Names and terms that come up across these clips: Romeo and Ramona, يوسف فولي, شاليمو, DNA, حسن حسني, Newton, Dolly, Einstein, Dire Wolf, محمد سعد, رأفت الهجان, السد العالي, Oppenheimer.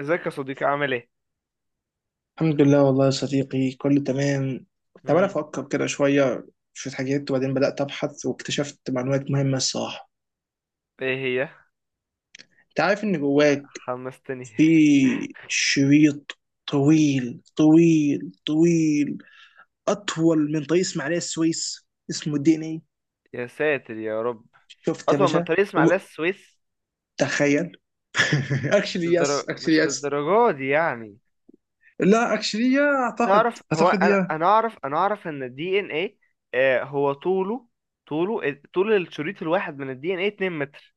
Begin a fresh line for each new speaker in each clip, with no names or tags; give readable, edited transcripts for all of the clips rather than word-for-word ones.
ازيك يا صديقي؟ عامل ايه؟
الحمد لله والله يا صديقي، كله تمام. كنت عمال
مم.
افكر كده شويه، شويه حاجات، وبعدين بدات ابحث واكتشفت معلومات مهمه الصراحه.
ايه هي؟
انت عارف ان جواك
حمستني.
في شريط طويل طويل طويل، اطول من طريق اسماعيليه السويس، اسمه دي ان اي.
يا ساتر يا رب.
شفت يا
اطول من
باشا؟
طريق اسماعيليه
وم-
السويس؟
تخيل.
مش
اكشلي يس،
للدرجة،
اكشلي
مش
يس.
للدرجة دي يعني.
لا اكشلي، يا اعتقد
تعرف، هو
اعتقد
انا
يا،
انا اعرف، اعرف ان الدي ان ايه هو طوله، طوله، طول الشريط الواحد من الدي ان ايه 2 متر.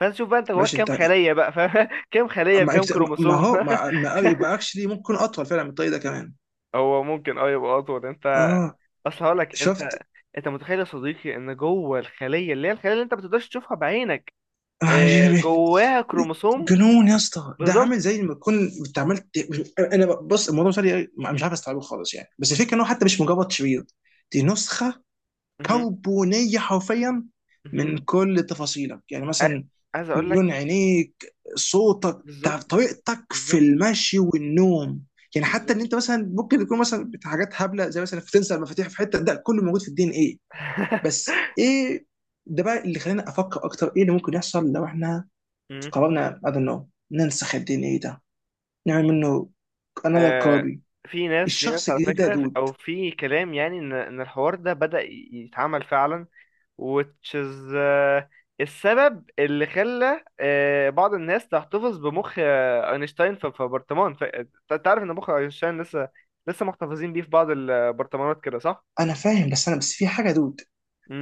فانت شوف بقى، انت جواك
ماشي.
كام
انت
خلية بقى، فاهم؟ كام خلية
ما
بكام
ما
كروموسوم؟
هو ما ما- يبقى اكشلي ممكن اطول فعلا من الطريق ده كمان.
هو ممكن، اه، يبقى اطول. انت
اه،
اصل هقول لك. انت
شفت.
انت متخيل يا صديقي ان جوه الخليه، اللي هي الخليه اللي انت ما بتقدرش تشوفها بعينك،
آه،
جواها كروموسوم؟
جنون يا اسطى، ده
بالظبط.
عامل زي ما تكون انت عملت. انا بص، الموضوع مش عارف، مش عارف استوعبه خالص يعني، بس الفكره انه حتى مش مجرد شرير، دي نسخه
مهم،
كربونيه حرفيا
مهم.
من كل تفاصيلك. يعني
ع-
مثلا
عايز اقول
لون
لك.
عينيك، صوتك،
بالظبط، بالظبط،
طريقتك في
بالظبط،
المشي والنوم. يعني حتى
بالظبط.
ان انت مثلا ممكن تكون مثلا حاجات هبله، زي مثلا بتنسى المفاتيح في حته، ده كله موجود في الدي ان ايه. بس ايه، ده بقى اللي خلاني افكر اكتر، ايه اللي ممكن يحصل لو احنا
مم.
قررنا I don't know ننسخ الدي ان ايه ده، نعمل منه another
آه،
copy
في ناس في
الشخص
ناس على
الجديد ده يا
فكره،
دود؟
او في كلام يعني ان الحوار ده بدأ يتعمل فعلا، which is، السبب اللي خلى بعض الناس تحتفظ بمخ اينشتاين في برطمان. انت عارف ان مخ اينشتاين لسه، لسه محتفظين بيه في بعض البرطمانات كده، صح؟
انا فاهم، بس انا بس في حاجه يا دود.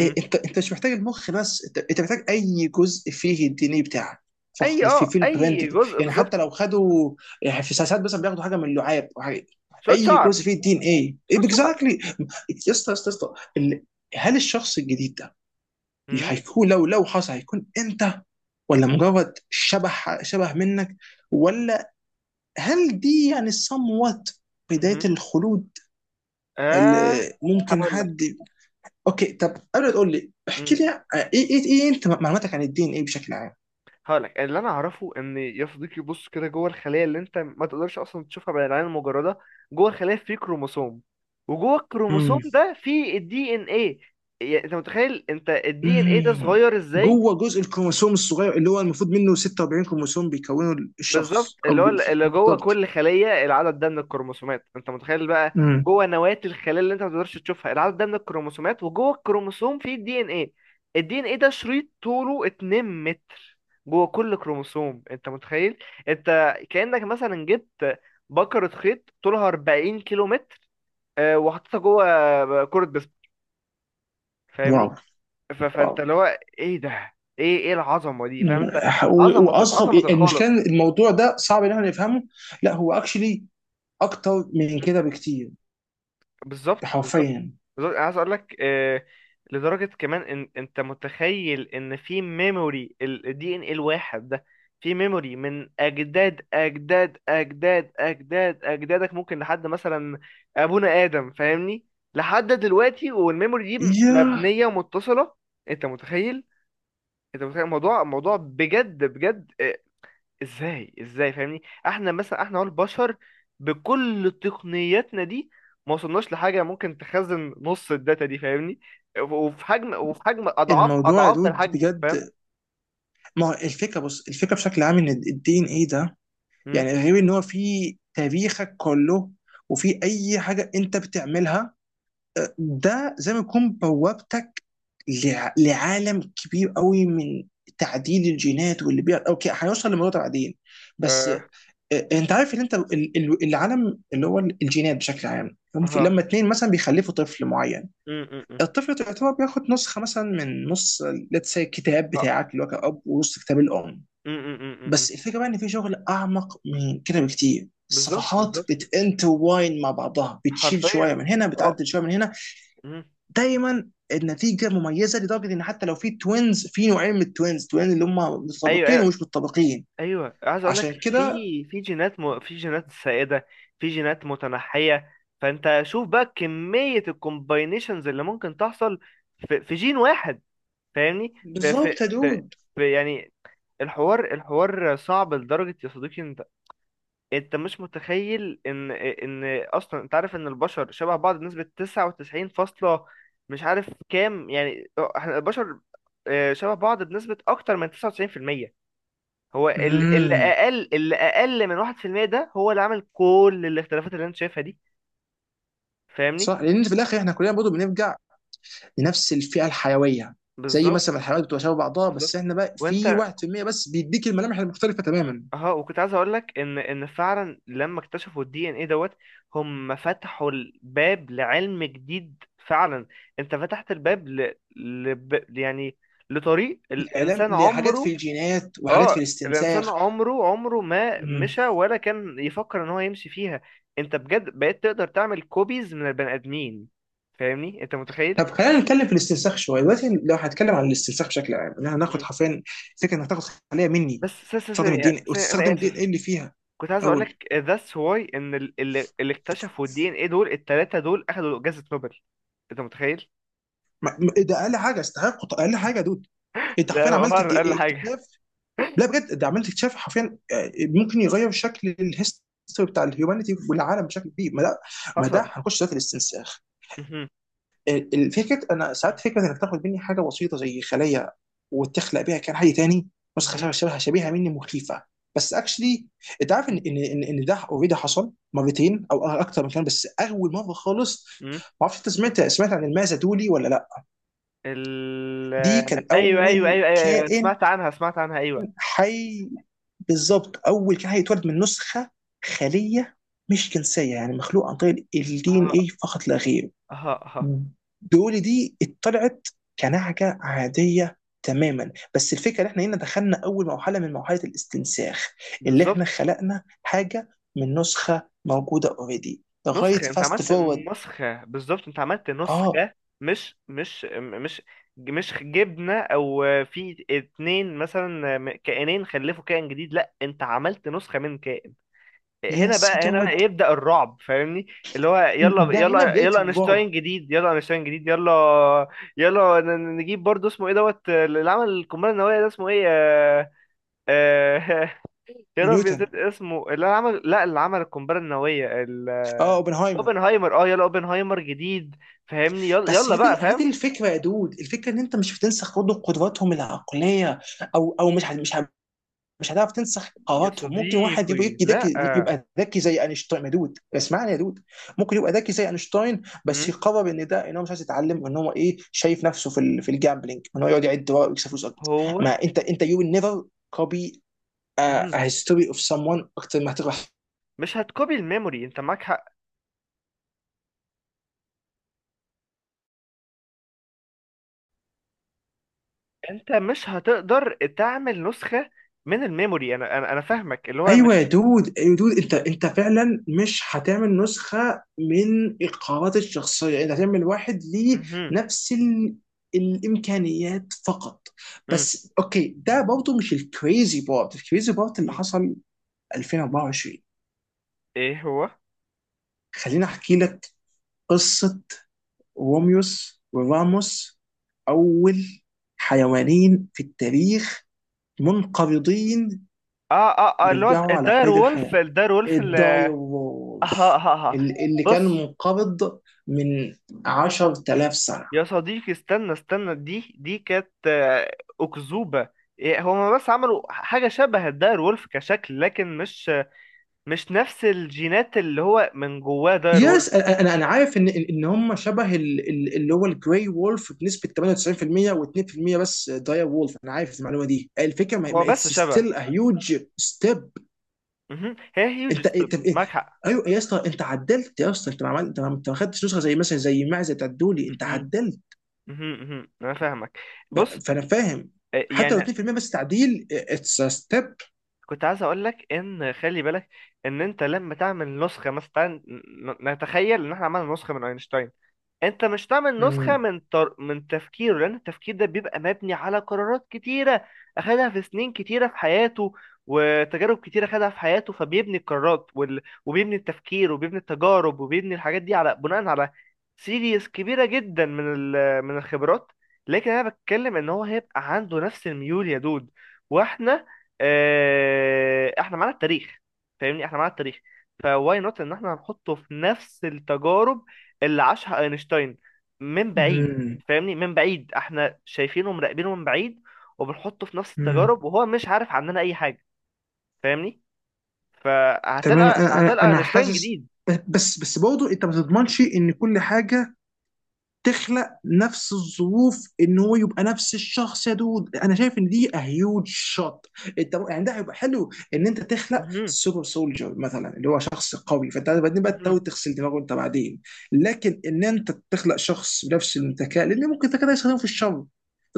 إيه، انت مش محتاج المخ، بس انت محتاج اي جزء فيه الدي ان ايه بتاعك،
اي،
فخل في
اه،
في البرنت
اي
بتاع.
جزء
يعني
بالظبط.
حتى لو خدوا، يعني في ساعات مثلا بياخدوا حاجه من اللعاب أو حاجة،
شوية
اي جزء
شعر،
فيه الدي ان ايه
شوية شعر.
اكزاكتلي. يا اسطى، يا اسطى، يا اسطى، هل الشخص الجديد ده،
امم،
هيكون، لو لو حصل، هيكون انت؟ ولا مجرد شبه منك؟ ولا هل دي يعني somewhat بداية
امم،
الخلود
اه.
اللي ممكن
هقول
حد. اوكي، طب قبل ما تقول لي احكي
لك،
لي ايه، إيه انت معلوماتك عن الدين ايه بشكل عام؟
هقولك اللي انا اعرفه، ان يا صديقي بص كده، جوه الخليه اللي انت ما تقدرش اصلا تشوفها بالعين المجرده، جوه الخليه في كروموسوم، وجوه الكروموسوم
امم.
ده في الدي ان ايه. يعني انت متخيل انت الدي ان ايه ده
امم.
صغير ازاي؟
جوه جزء الكروموسوم الصغير اللي هو المفروض منه 46 كروموسوم بيكونوا
بالظبط.
الشخص او
اللي هو اللي جوه
بالظبط.
كل خلية العدد ده من الكروموسومات، انت متخيل بقى؟
امم.
جوه نواة الخلية اللي انت ما تقدرش تشوفها، العدد ده من الكروموسومات، وجوه الكروموسوم فيه الدي ان ايه. الدي ان ايه ده شريط طوله 2 متر جوه كل كروموسوم، انت متخيل؟ انت كأنك مثلا جبت بكرة خيط طولها 40 كيلو متر، اه، وحطيتها جوه كرة بيسبول،
واو.
فاهمني؟
واو.
فانت اللي هو ايه ده، ايه العظمة دي، فاهم
مم.
انت؟
واصعب
عظمة
المشكله
الخالق.
إن الموضوع ده صعب ان احنا نفهمه. لا، هو اكشلي اكتر من
مهم.
كده بكتير،
بالظبط، بالظبط.
حرفيا.
بالظبط، انا عايز اقول لك، لدرجه كمان ان انت متخيل ان في ميموري الدي ان ايه الواحد ده، في ميموري من اجداد اجدادك، ممكن لحد مثلا ابونا ادم، فاهمني؟ لحد دلوقتي، والميموري دي
يا
مبنيه ومتصله. انت متخيل؟ انت متخيل الموضوع موضوع بجد بجد؟ ازاي، ازاي، فاهمني؟ احنا مثلا، احنا هو البشر بكل تقنياتنا دي ما وصلناش لحاجه ممكن تخزن نص الداتا دي، فاهمني؟ وفي حجم، وفي حجم اضعاف
الموضوع يا
اضعاف
دود
الحجم، فاهم؟
بجد. ما هو الفكره، بص، الفكره بشكل عام ان الدي ان ايه ده
امم،
يعني غير ان هو في تاريخك كله وفي اي حاجه انت بتعملها، ده زي ما يكون بوابتك لعالم كبير قوي من تعديل الجينات واللي بيع. اوكي، هنوصل لموضوع بعدين، بس
اه،
انت عارف ان انت العالم اللي هو الجينات بشكل عام، هم
ها،
لما 2 مثلا بيخلفوا طفل معين،
امم، امم، أمم.
الطفل يعتبر بياخد نسخه مثلا من نص، لتس الكتاب
آه.
بتاعك اللي هو كأب ونص كتاب الام.
أمم، أمم، أمم، أمم.
بس الفكره بقى ان في شغل اعمق من كده بكتير،
بالظبط،
الصفحات
بالظبط،
بتنتواين مع بعضها، بتشيل شويه
حرفيا،
من هنا،
اه،
بتعدل شويه من هنا،
أمم.
دايما النتيجه مميزه، لدرجه ان حتى لو في توينز، في نوعين من التوينز، توين اللي هم
ايوه،
متطابقين
ايوه،
ومش متطابقين.
ايوه، عايز اقول لك،
عشان كده
في جينات سائده، في جينات متنحيه، فانت شوف بقى كميه الكومباينيشنز اللي ممكن تحصل في جين واحد، فاهمني؟ في... في...
بالظبط يا
في...
دود.
في يعني، الحوار صعب لدرجه، يا صديقي انت، انت مش متخيل ان اصلا انت عارف ان البشر شبه بعض بنسبه 99 فاصله، مش عارف كام، يعني احنا البشر، شبه بعض بنسبه اكتر من 99%. هو اللي
مم.
اقل، اللي اقل من 1% ده هو اللي عمل كل الاختلافات اللي انت شايفها دي، فاهمني؟
صح، لان في الاخر احنا كلنا برضه بنرجع لنفس الفئه الحيويه، زي
بالظبط،
مثلا الحيوانات بتبقى شبه بعضها،
بالظبط.
بس احنا بقى في
وانت،
1% بس بيديك الملامح المختلفه تماما.
اه، وكنت عايز اقول لك ان فعلا لما اكتشفوا الدي ان ايه دوت، هم فتحوا الباب لعلم جديد فعلا. انت فتحت الباب يعني لطريق
الاعلام
الانسان
لحاجات في
عمره،
الجينات وحاجات في
اه، الانسان
الاستنساخ.
عمره، عمره ما
مم.
مشى ولا كان يفكر ان هو يمشي فيها. انت بجد بقيت تقدر تعمل كوبيز من البني ادمين، فاهمني؟ انت متخيل؟
طب خلينا نتكلم في الاستنساخ شويه دلوقتي. لو هنتكلم عن الاستنساخ بشكل عام، ان احنا هناخد
مم.
حرفيا فكره انك تاخد خليه مني،
بس
تستخدم الدين إيه؟
ثانية انا
وتستخدم الدين
اسف.
ايه اللي فيها.
كنت عايز اقول
اول
لك that's why ان اللي اكتشفوا الدي ان ايه دول، التلاتة دول اخدوا جائزة نوبل، انت متخيل؟
ده اقل حاجه استحق، اقل حاجه يا دود. انت
لا
حرفيا
هو،
عملت
اقل حاجة.
اكتشاف. لا، بجد، ده عملت اكتشاف حرفيا، ممكن يغير شكل الهيستوري بتاع الهيومانيتي والعالم بشكل كبير. ما ده، ما ده
حصل؟
هنخش في الاستنساخ.
مهم.
الفكره، انا ساعات فكره انك تاخد مني حاجه بسيطه زي خليه، وتخلق بيها كائن حي تاني، نسخه
مهم.
شبه شبيهه مني، مخيفه، بس اكشلي انت عارف ان ان ان إن ده اوريدي حصل مرتين او اكتر من كده، بس اول مره خالص.
مهم.
ما اعرفش انت سمعت عن المازا دولي ولا لا؟
ال،
دي كان
ايوه، ايوه، ايوه،
اول
ايوه، أيوة. أيوه،
كائن
سمعت عنها، سمعت عنها، ايوه.
حي، بالظبط اول كان هيتولد من نسخه خليه مش جنسيه، يعني مخلوق عن طريق الدي ان
اه،
اي فقط لا غير.
اه، اه،
دول دي اتطلعت كنعجه عاديه تماما، بس الفكره ان احنا هنا دخلنا اول مرحله من مرحله الاستنساخ، اللي احنا
بالظبط.
خلقنا حاجه من نسخه موجوده اوريدي، لغايه
نسخة انت
فاست
عملت،
فورورد.
نسخة بالظبط، انت عملت
اه،
نسخة. مش مش مش مش جبنة، او في اتنين مثلا كائنين خلفوا كائن جديد، لا انت عملت نسخة من كائن.
يا
هنا بقى، هنا بقى
سدود،
يبدأ الرعب، فاهمني؟ اللي هو يلا،
ده هنا
يلا،
بدايه
يلا
الرعب.
اينشتاين جديد، يلا اينشتاين جديد، يلا، يلا، نجيب برضه اسمه ايه دوت، اللي عمل القنبلة النووية ده اسمه ايه، آه، يا ربي
نيوتن.
نسيت اسمه، اللي عمل، لا اللي عمل القنبلة النووية.
اه، اوبنهايمر.
اوبنهايمر، اه، يلا اوبنهايمر جديد، فاهمني؟ يلا،
بس
يلا
هي دي
بقى،
هي دي
فاهم؟
الفكره يا دود، الفكره ان انت مش هتنسخ برضه قدراتهم العقليه، او او مش ه- مش ه- مش هتعرف تنسخ
يا
قراراتهم. ممكن واحد يبقى
صديقي
يبقى
لا.
ذكي، زي اينشتاين يا دود، اسمعني يا دود. ممكن يبقى ذكي زي اينشتاين بس
مم.
يقرر ان ده، ان هو مش عايز يتعلم، وان هو ايه، شايف نفسه في في الجامبلينج، ان هو يقعد يعد ورق ويكسب فلوس اكتر.
هو،
ما انت يو نيفر كوبي a a
مم،
history of someone اكتر ما هتقرا.
مش هتكوبي الميموري، انت معاك حق. انت مش هتقدر تعمل نسخة من الميموري. انا فاهمك، اللي هو
ايوه يا
مش،
دود، ايوه يا دود، انت فعلا مش هتعمل نسخه من القرارات الشخصيه، انت هتعمل واحد ليه
مهم.
نفس ال، الامكانيات فقط.
مم.
بس اوكي، ده برضه مش الكريزي بارت اللي
مم.
حصل 2024،
ايه هو؟ اه،
خليني احكي لك قصه روميوس وراموس، اول حيوانين في التاريخ منقرضين
اه، اه، اللي هو
يرجعوا على
الداير
قيد
وولف،
الحياة،
الداير وولف اللي اه، اه،
الدايوولف،
اه، آه.
اللي كان
بص
منقبض من 10,000 سنة.
يا صديقي، استنى استنى، دي كانت أكذوبة. إيه، هما بس عملوا حاجة شبه الداير وولف كشكل، لكن مش، مش نفس الجينات اللي هو من جواه داير وولف.
يس، انا انا أنا عارف ان ان إن هم شبه اللي هو الجراي وولف بنسبه 98%، و2% بس داير وولف. انا عارف المعلومه دي، الفكره
هو
ما
بس
اتس
شبه.
ستيل ا هيوج ستيب.
مهم. هي هيوج
انت
ستيب،
انت
معاك حق.
ايوه يا اسطى، انت عدلت يا اسطى، انت ما عملت انت ما أنت ما خدتش نسخه زي مثلا زي معزه بتاعت دولي، انت
مهم.
عدلت.
مهم. مهم. أنا فاهمك. بص،
فانا فاهم حتى لو
يعني
2% بس تعديل، اتس ستيب.
كنت عايز أقول لك إن خلي بالك، إن أنت لما تعمل نسخة، مثلا تعال نتخيل إن إحنا عملنا نسخة من أينشتاين. انت مش تعمل نسخة
امم.
من تفكيره، لان التفكير ده بيبقى مبني على قرارات كتيرة اخدها في سنين كتيرة في حياته، وتجارب كتيرة اخدها في حياته، فبيبني القرارات وبيبني التفكير وبيبني التجارب وبيبني الحاجات دي على، بناء على سيريز كبيرة جدا من الخبرات. لكن انا بتكلم ان هو هيبقى عنده نفس الميول يا دود. واحنا، اه، احنا معانا التاريخ، فاهمني؟ احنا معانا التاريخ، فواي نوت ان احنا هنحطه في نفس التجارب اللي عاشها اينشتاين، من بعيد،
امم.
فاهمني؟ من بعيد احنا شايفينه ومراقبينه من بعيد، وبنحطه في نفس
امم.
التجارب، وهو مش عارف عننا اي حاجه، فاهمني؟
تمام،
فهتلقى،
انا انا
هتلقى
أنا
اينشتاين
حاسس،
جديد.
بس برضه انت ما تضمنش ان كل حاجه تخلق نفس الظروف، ان هو يبقى نفس الشخص يا دود. انا شايف ان دي هيوج شوت. انت يعني، ده هيبقى حلو ان انت تخلق
مهم.
سوبر سولجر مثلا، اللي هو شخص قوي، فانت بعدين بقى تحاول
مهم.
تغسل دماغه انت بعدين. لكن ان انت تخلق شخص بنفس الذكاء، لان ممكن الذكاء ده يستخدمه في الشر،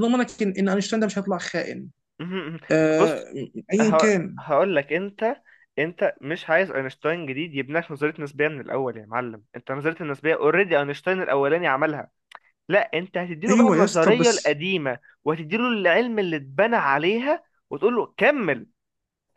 ضمنك إن اينشتاين ده مش هيطلع خائن؟
مهم.
آه.
بص،
ايا
ه...
كان.
هقول لك. انت انت مش عايز اينشتاين جديد يبني لك نظريه نسبيه من الاول يا معلم، انت نظريه النسبيه اوريدي اينشتاين الاولاني عملها. لا انت هتديله بقى
ايوه يا اسطى،
النظريه
بس
القديمه وهتديله العلم اللي اتبنى عليها وتقول له كمل،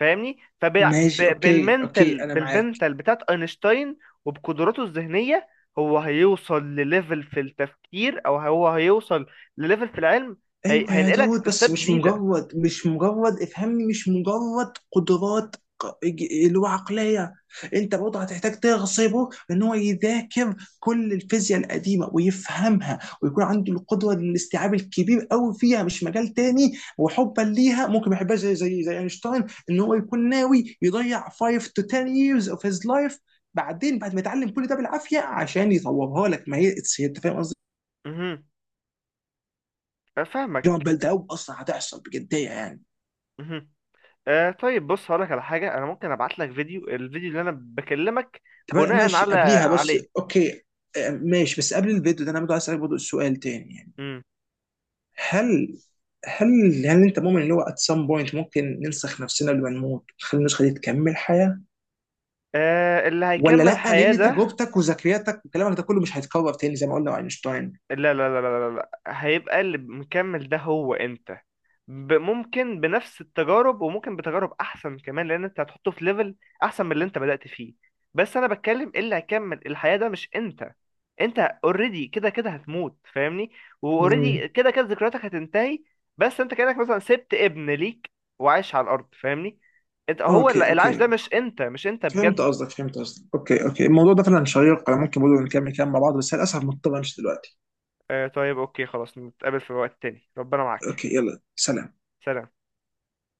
فاهمني؟
ماشي، اوكي، اوكي انا معاك.
بالمنتال بتاعت اينشتاين وبقدراته الذهنيه، هو هيوصل لليفل في التفكير، او هو هيوصل لليفل في العلم.
ايوه يا
هينقلك
دود، بس
لستاب
مش
جديده.
مجرد مش مجرد افهمني، مش مجرد قدرات اللي هو عقليه. انت برضه هتحتاج تغصبه ان هو يذاكر كل الفيزياء القديمه ويفهمها ويكون عنده القدره للاستيعاب الكبير قوي فيها، مش مجال تاني. وحبا ليها ممكن ما يحبهاش، زي اينشتاين، ان هو يكون ناوي يضيع 5 to 10 years of his life بعدين بعد ما يتعلم كل ده بالعافيه عشان يطورها لك. ما هي انت فاهم قصدي؟
امم،
جامعة
فاهمك.
بلد قوي اصلا هتحصل بجديه يعني.
امم، آه طيب بص، هقولك على حاجه. انا ممكن ابعت لك فيديو، الفيديو اللي انا بكلمك
طب أنا
بناء
ماشي قبليها، بس
عليه.
اوكي. آه، ماشي. بس قبل الفيديو ده انا برضه عايز اسالك برضه سؤال تاني يعني.
امم،
هل هل انت مؤمن ان هو at some point ممكن ننسخ نفسنا قبل ما نموت ونخلي النسخه دي تكمل حياه؟
آه اللي
ولا
هيكمل
لا،
حياه
لان
ده؟
تجربتك وذكرياتك وكلامك ده كله مش هيتكرر تاني زي ما قلنا مع اينشتاين.
لا. هيبقى اللي مكمل ده هو انت، ممكن بنفس التجارب وممكن بتجارب احسن كمان، لان انت هتحطه في ليفل احسن من اللي انت بدأت فيه. بس انا بتكلم، إيه، اللي هيكمل الحياة ده مش انت، انت اوريدي كده كده هتموت، فاهمني؟ واوريدي
امم.
كده كده ذكرياتك هتنتهي، بس انت كأنك مثلا سبت ابن ليك وعايش على الارض، فاهمني؟ انت هو
اوكي،
اللي، العيش ده
اوكي،
مش انت، مش انت
فهمت
بجد.
قصدك، فهمت قصدك. اوكي، اوكي، الموضوع ده فعلا شيق، انا ممكن برضه نكمل كلام مع بعض، بس للاسف مضطر امشي دلوقتي.
آه طيب اوكي، خلاص نتقابل في وقت تاني، ربنا معاك.
اوكي، يلا، سلام.
سلام.